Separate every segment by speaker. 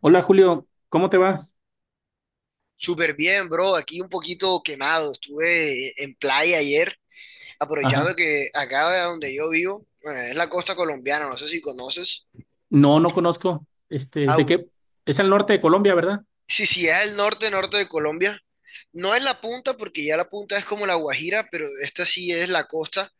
Speaker 1: Hola Julio, ¿cómo te va?
Speaker 2: Súper bien, bro. Aquí un poquito quemado. Estuve en playa ayer, aprovechando
Speaker 1: Ajá.
Speaker 2: que acá de donde yo vivo, bueno, es la costa colombiana, no sé si conoces.
Speaker 1: No, no conozco. Este, ¿de
Speaker 2: Au.
Speaker 1: qué? Es al norte de Colombia, ¿verdad?
Speaker 2: Sí, sí, es el norte, norte de Colombia. No es la punta, porque ya la punta es como la Guajira, pero esta sí es la costa.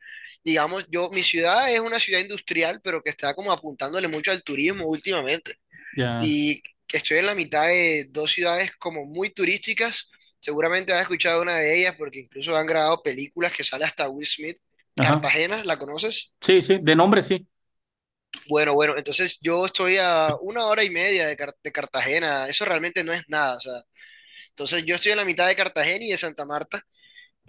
Speaker 2: Digamos, yo, mi ciudad es una ciudad industrial, pero que está como apuntándole mucho al turismo últimamente.
Speaker 1: Ya.
Speaker 2: Y estoy en la mitad de dos ciudades como muy turísticas. Seguramente has escuchado una de ellas porque incluso han grabado películas que sale hasta Will Smith.
Speaker 1: Ajá.
Speaker 2: Cartagena, ¿la conoces?
Speaker 1: Sí, sí, de nombre sí.
Speaker 2: Bueno, bueno, entonces yo estoy a una hora y media de, de Cartagena, eso realmente no es nada, o sea, entonces yo estoy en la mitad de Cartagena y de Santa Marta.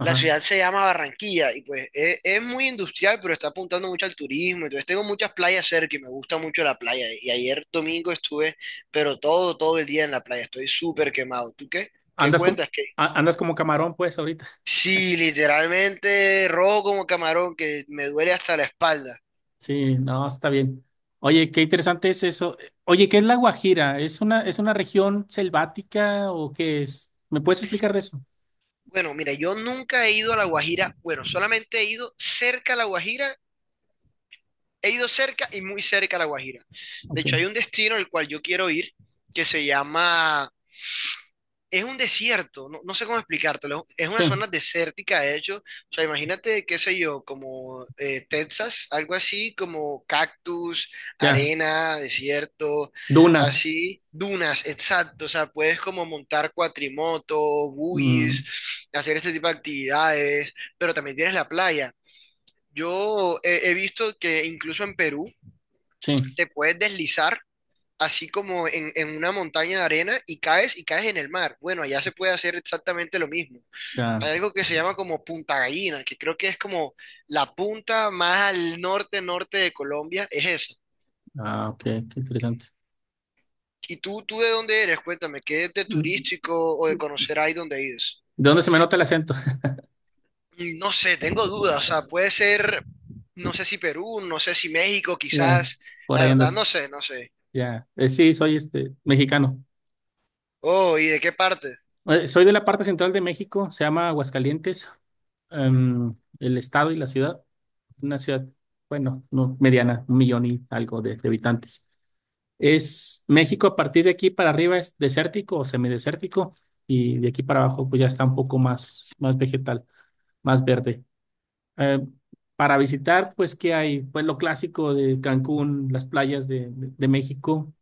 Speaker 2: La ciudad se llama Barranquilla y pues es muy industrial, pero está apuntando mucho al turismo. Entonces tengo muchas playas cerca y me gusta mucho la playa. Y ayer domingo estuve, pero todo, todo el día en la playa. Estoy súper quemado. ¿Tú qué? ¿Qué
Speaker 1: Andas como,
Speaker 2: cuentas? ¿Qué?
Speaker 1: andas como camarón, pues, ahorita.
Speaker 2: Sí, literalmente rojo como camarón, que me duele hasta la espalda.
Speaker 1: Sí, no, está bien. Oye, qué interesante es eso. Oye, ¿qué es la Guajira? ¿Es una región selvática o qué es? ¿Me puedes explicar de eso?
Speaker 2: Bueno, mira, yo nunca he ido a La Guajira. Bueno, solamente he ido cerca a La Guajira. He ido cerca y muy cerca a La Guajira. De
Speaker 1: Ok.
Speaker 2: hecho, hay un destino al cual yo quiero ir que se llama, es un desierto, no, no sé cómo explicártelo, es una
Speaker 1: Sí,
Speaker 2: zona desértica, de hecho, o sea, imagínate, qué sé yo, como Texas, algo así, como cactus,
Speaker 1: ya.
Speaker 2: arena, desierto,
Speaker 1: Dunas.
Speaker 2: así, dunas, exacto, o sea, puedes como montar cuatrimoto,
Speaker 1: Mm,
Speaker 2: buggies, hacer este tipo de actividades, pero también tienes la playa. Yo he visto que incluso en Perú
Speaker 1: sí,
Speaker 2: te puedes deslizar así como en una montaña de arena y caes en el mar. Bueno, allá se puede hacer exactamente lo mismo.
Speaker 1: ya.
Speaker 2: Hay algo que se llama como Punta Gallina, que creo que es como la punta más al norte, norte de Colombia, es eso.
Speaker 1: Ah, ok, qué interesante.
Speaker 2: ¿Y tú de dónde eres? Cuéntame, ¿qué de
Speaker 1: ¿De
Speaker 2: turístico o de conocer ahí donde ides?
Speaker 1: dónde se me nota el acento?
Speaker 2: Mm, no sé, tengo dudas, o sea, puede ser, no sé si Perú, no sé si México,
Speaker 1: Ya,
Speaker 2: quizás,
Speaker 1: por
Speaker 2: la
Speaker 1: ahí
Speaker 2: verdad no
Speaker 1: andas.
Speaker 2: sé, no sé.
Speaker 1: Ya. Sí, soy mexicano.
Speaker 2: Oh, ¿y de qué parte?
Speaker 1: Soy de la parte central de México, se llama Aguascalientes, em, el estado y la ciudad, una ciudad, bueno, no, mediana, 1 millón y algo de, habitantes. Es México a partir de aquí para arriba es desértico o semidesértico y de aquí para abajo pues ya está un poco más, más vegetal, más verde. Eh, para visitar, pues, ¿qué hay? Pues lo clásico de Cancún, las playas de, de México.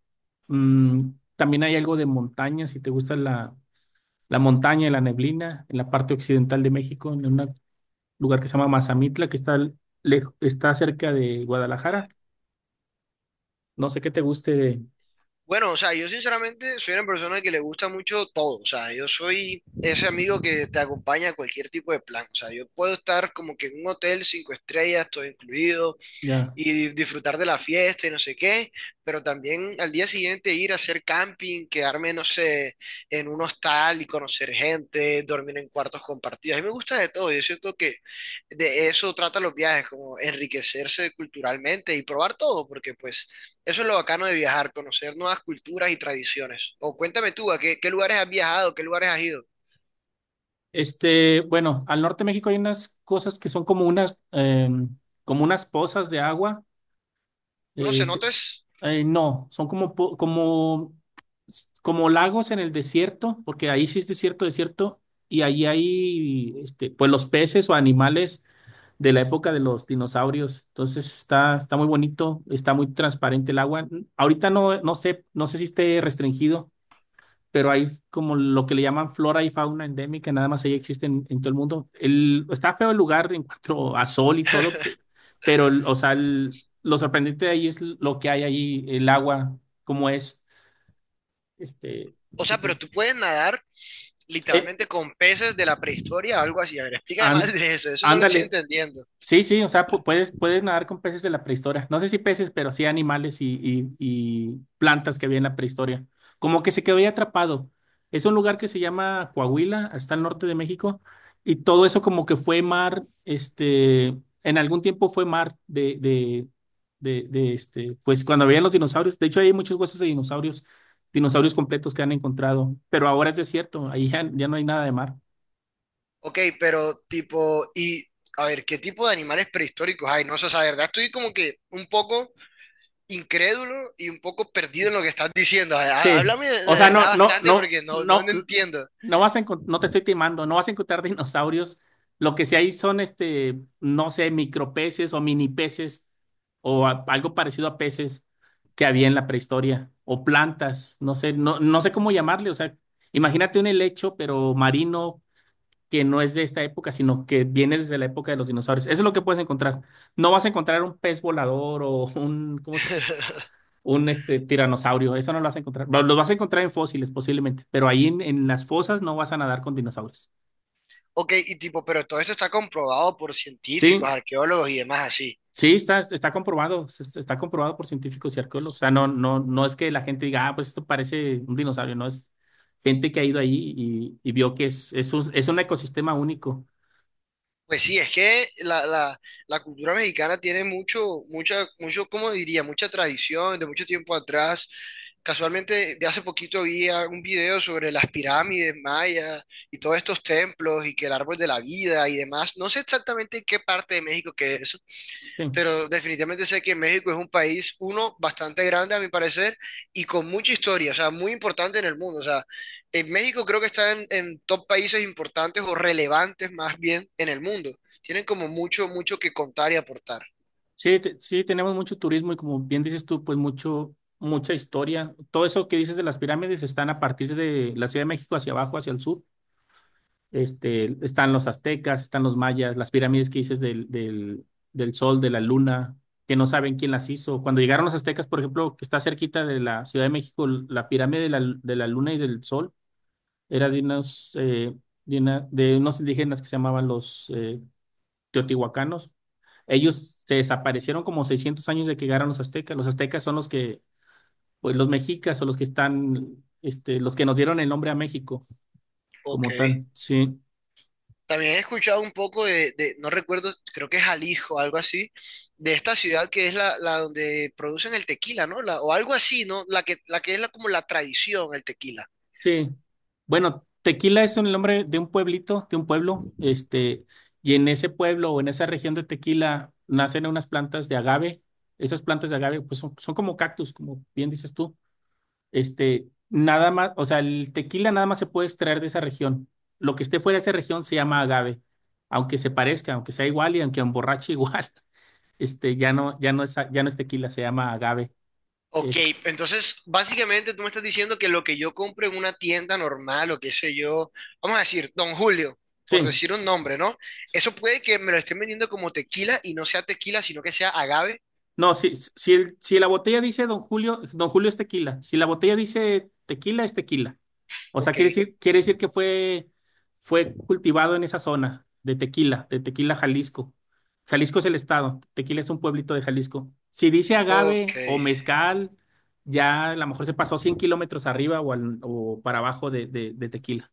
Speaker 1: Mm, también hay algo de montaña, si te gusta la montaña y la neblina, en la parte occidental de México, en un lugar que se llama Mazamitla, que está cerca de Guadalajara. No sé qué te guste.
Speaker 2: Bueno, o sea, yo sinceramente soy una persona que le gusta mucho todo, o sea, yo soy ese amigo que te acompaña a cualquier tipo de plan, o sea, yo puedo estar como que en un hotel 5 estrellas, todo incluido,
Speaker 1: Ya.
Speaker 2: y disfrutar de la fiesta y no sé qué, pero también al día siguiente ir a hacer camping, quedarme, no sé, en un hostal y conocer gente, dormir en cuartos compartidos. A mí me gusta de todo, yo siento que de eso trata los viajes, como enriquecerse culturalmente y probar todo, porque pues eso es lo bacano de viajar, conocer nuevas culturas y tradiciones. O cuéntame tú, ¿a qué, qué lugares has viajado, qué lugares has ido?
Speaker 1: Bueno, al norte de México hay unas cosas que son como unas pozas de agua.
Speaker 2: Uno
Speaker 1: eh,
Speaker 2: se
Speaker 1: se-
Speaker 2: nota es.
Speaker 1: no, son como lagos en el desierto, porque ahí sí es desierto, desierto, y ahí hay, pues los peces o animales de la época de los dinosaurios. Entonces está muy bonito, está muy transparente el agua. Ahorita no, no sé si esté restringido, pero hay como lo que le llaman flora y fauna endémica, nada más ahí existen en todo el mundo. Está feo el lugar en cuanto a sol y todo, pero, o sea, lo sorprendente de ahí es lo que hay ahí, el agua, cómo es. Este,
Speaker 2: O
Speaker 1: si
Speaker 2: sea, pero
Speaker 1: te,
Speaker 2: tú puedes nadar
Speaker 1: eh,
Speaker 2: literalmente con peces de la prehistoria, algo así. A ver, explícame más
Speaker 1: an-
Speaker 2: de eso, eso no lo estoy
Speaker 1: ándale.
Speaker 2: entendiendo.
Speaker 1: Sí, sí, o sea, puedes nadar con peces de la prehistoria. No sé si peces, pero sí animales y plantas que había en la prehistoria. Como que se quedó ahí atrapado. Es un lugar que se llama Coahuila, está al norte de México, y todo eso como que fue mar, en algún tiempo fue mar de pues cuando habían los dinosaurios. De hecho, hay muchos huesos de dinosaurios, dinosaurios completos que han encontrado, pero ahora es desierto, ahí ya no hay nada de mar.
Speaker 2: Ok, pero tipo, y a ver, ¿qué tipo de animales prehistóricos hay? No sé, o sea, la verdad estoy como que un poco incrédulo y un poco perdido en lo que estás diciendo. A ver,
Speaker 1: Sí.
Speaker 2: háblame
Speaker 1: O
Speaker 2: de
Speaker 1: sea,
Speaker 2: verdad
Speaker 1: no, no,
Speaker 2: bastante
Speaker 1: no,
Speaker 2: porque no, no,
Speaker 1: no,
Speaker 2: no entiendo.
Speaker 1: no te estoy timando, no vas a encontrar dinosaurios. Lo que sí hay son no sé, micropeces o mini peces o algo parecido a peces que había en la prehistoria o plantas, no sé, no, no sé cómo llamarle, o sea, imagínate un helecho pero marino que no es de esta época, sino que viene desde la época de los dinosaurios. Eso es lo que puedes encontrar. No vas a encontrar un pez volador o un, ¿cómo se, un este, tiranosaurio, eso no lo vas a encontrar. Los vas a encontrar en fósiles posiblemente, pero ahí en las fosas no vas a nadar con dinosaurios.
Speaker 2: Ok, y tipo, pero todo esto está comprobado por científicos,
Speaker 1: Sí,
Speaker 2: arqueólogos y demás así.
Speaker 1: sí, está comprobado, está comprobado por científicos y arqueólogos. O sea, no, no, no es que la gente diga, ah, pues esto parece un dinosaurio, no es gente que ha ido ahí y vio que es un ecosistema único.
Speaker 2: Pues sí, es que la cultura mexicana tiene mucho, mucha, mucho, ¿cómo diría? Mucha tradición de mucho tiempo atrás. Casualmente, de hace poquito vi un video sobre las pirámides mayas y todos estos templos y que el árbol de la vida y demás. No sé exactamente en qué parte de México que es eso,
Speaker 1: Sí,
Speaker 2: pero definitivamente sé que México es un país, uno, bastante grande a mi parecer y con mucha historia, o sea, muy importante en el mundo. O sea, en México creo que está en, top países importantes o relevantes más bien en el mundo. Tienen como mucho, mucho que contar y aportar.
Speaker 1: sí, tenemos mucho turismo y como bien dices tú, pues mucha historia. Todo eso que dices de las pirámides están a partir de la Ciudad de México hacia abajo, hacia el sur. Están los aztecas, están los mayas, las pirámides que dices del sol, de la luna, que no saben quién las hizo. Cuando llegaron los aztecas, por ejemplo, que está cerquita de la Ciudad de México, la pirámide de la luna y del sol era de unos indígenas que se llamaban los teotihuacanos. Ellos se desaparecieron como 600 años de que llegaron los aztecas. Los aztecas son los que, pues los mexicas o los que están, los que nos dieron el nombre a México
Speaker 2: Ok.
Speaker 1: como tal. Sí.
Speaker 2: También he escuchado un poco no recuerdo, creo que es Jalisco, algo así, de esta ciudad que es la, donde producen el tequila, ¿no? O algo así, ¿no? La que es como la tradición, el tequila.
Speaker 1: Sí. Bueno, Tequila es el nombre de un pueblito, de un pueblo, y en ese pueblo o en esa región de Tequila nacen unas plantas de agave. Esas plantas de agave, pues son como cactus, como bien dices tú. Nada más, o sea, el tequila nada más se puede extraer de esa región. Lo que esté fuera de esa región se llama agave, aunque se parezca, aunque sea igual y aunque emborrache igual. Este, ya no, ya no es tequila, se llama agave.
Speaker 2: Ok,
Speaker 1: Es-
Speaker 2: entonces básicamente tú me estás diciendo que lo que yo compro en una tienda normal o qué sé yo, vamos a decir, Don Julio, por
Speaker 1: sí.
Speaker 2: decir un nombre, ¿no? Eso puede que me lo estén vendiendo como tequila y no sea tequila, sino que sea agave.
Speaker 1: No, si la botella dice Don Julio, Don Julio es tequila. Si la botella dice tequila, es tequila. O sea,
Speaker 2: Ok,
Speaker 1: quiere decir que fue cultivado en esa zona de Tequila, Jalisco. Jalisco es el estado, Tequila es un pueblito de Jalisco. Si dice
Speaker 2: ok.
Speaker 1: agave o mezcal, ya a lo mejor se pasó 100 kilómetros arriba o para abajo de Tequila.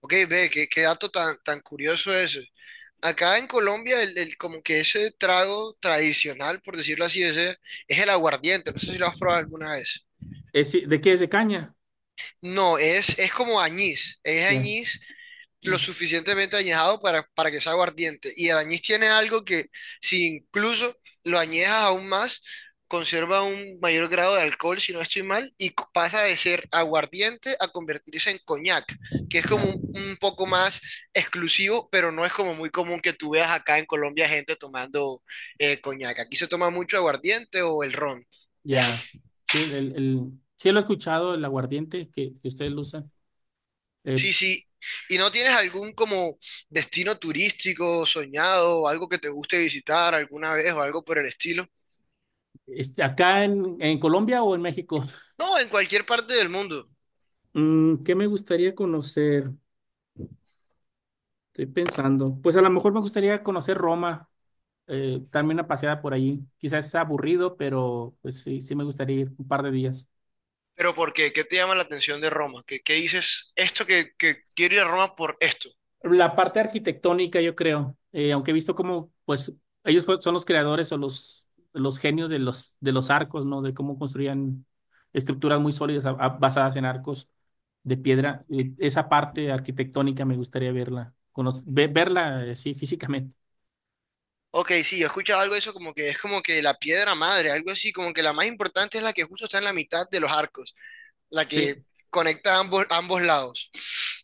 Speaker 2: Ok, ve, qué, qué dato tan, tan curioso ese. Acá en Colombia, el, como que ese trago tradicional, por decirlo así, ese, es el aguardiente. No sé si lo has probado alguna vez.
Speaker 1: Si, ¿de qué es? ¿De caña?
Speaker 2: No, es, como añís. Es
Speaker 1: Ya,
Speaker 2: añís
Speaker 1: ya,
Speaker 2: lo suficientemente añejado para que sea aguardiente. Y el añís tiene algo que, si incluso lo añejas aún más, conserva un mayor grado de alcohol, si no estoy mal, y pasa de ser aguardiente a convertirse en coñac, que es como
Speaker 1: ya.
Speaker 2: un poco más exclusivo, pero no es como muy común que tú veas acá en Colombia gente tomando coñac. Aquí se toma mucho aguardiente o el ron de ahí.
Speaker 1: Ya. Sí, sí lo he escuchado, el aguardiente que ustedes lo usan. Eh,
Speaker 2: Sí, sí. ¿Y no tienes algún como destino turístico soñado, algo que te guste visitar alguna vez o algo por el estilo?
Speaker 1: ¿acá en Colombia o en México?
Speaker 2: No, en cualquier parte del mundo.
Speaker 1: ¿Qué me gustaría conocer? Estoy pensando. Pues a lo mejor me gustaría conocer Roma, darme una paseada por allí. Quizás sea aburrido, pero pues sí, sí me gustaría ir un par de días.
Speaker 2: ¿Pero por qué? ¿Qué te llama la atención de Roma? ¿Qué, qué dices esto que quiero ir a Roma por esto?
Speaker 1: La parte arquitectónica, yo creo, aunque he visto como pues, ellos son los creadores o los genios de los arcos, ¿no? De cómo construían estructuras muy sólidas basadas en arcos de piedra. Esa parte arquitectónica me gustaría verla, sí, físicamente.
Speaker 2: Ok, sí, yo he escuchado algo de eso como que es como que la piedra madre, algo así, como que la más importante es la que justo está en la mitad de los arcos, la
Speaker 1: Sí,
Speaker 2: que conecta ambos, ambos lados.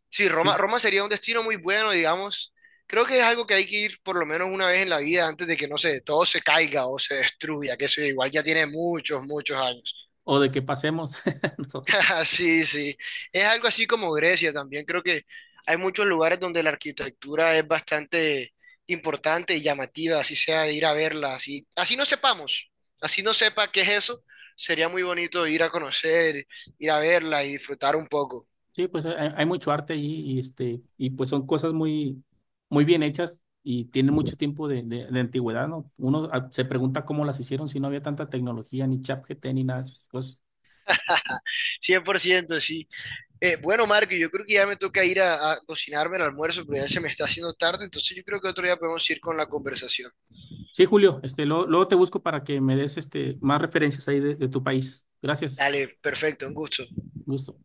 Speaker 2: Sí, Roma,
Speaker 1: sí.
Speaker 2: Roma sería un destino muy bueno, digamos. Creo que es algo que hay que ir por lo menos una vez en la vida antes de que, no sé, todo se caiga o se destruya, que eso igual ya tiene muchos, muchos años.
Speaker 1: O de que pasemos nosotros.
Speaker 2: Sí, sí. Es algo así como Grecia también. Creo que hay muchos lugares donde la arquitectura es bastante importante y llamativa, así sea de ir a verla, así, así no sepamos, así no sepa qué es eso, sería muy bonito ir a conocer, ir a verla y disfrutar un poco.
Speaker 1: Sí, pues hay mucho arte allí y pues son cosas muy, muy bien hechas y tienen mucho tiempo de antigüedad, ¿no? Uno se pregunta cómo las hicieron si no había tanta tecnología, ni ChatGPT, ni nada de esas cosas.
Speaker 2: 100% sí. Bueno, Marco, yo creo que ya me toca ir a cocinarme el almuerzo, pero ya se me está haciendo tarde, entonces yo creo que otro día podemos ir con la conversación.
Speaker 1: Sí, Julio, luego, luego te busco para que me des más referencias ahí de tu país. Gracias.
Speaker 2: Dale, perfecto, un gusto.
Speaker 1: Gusto.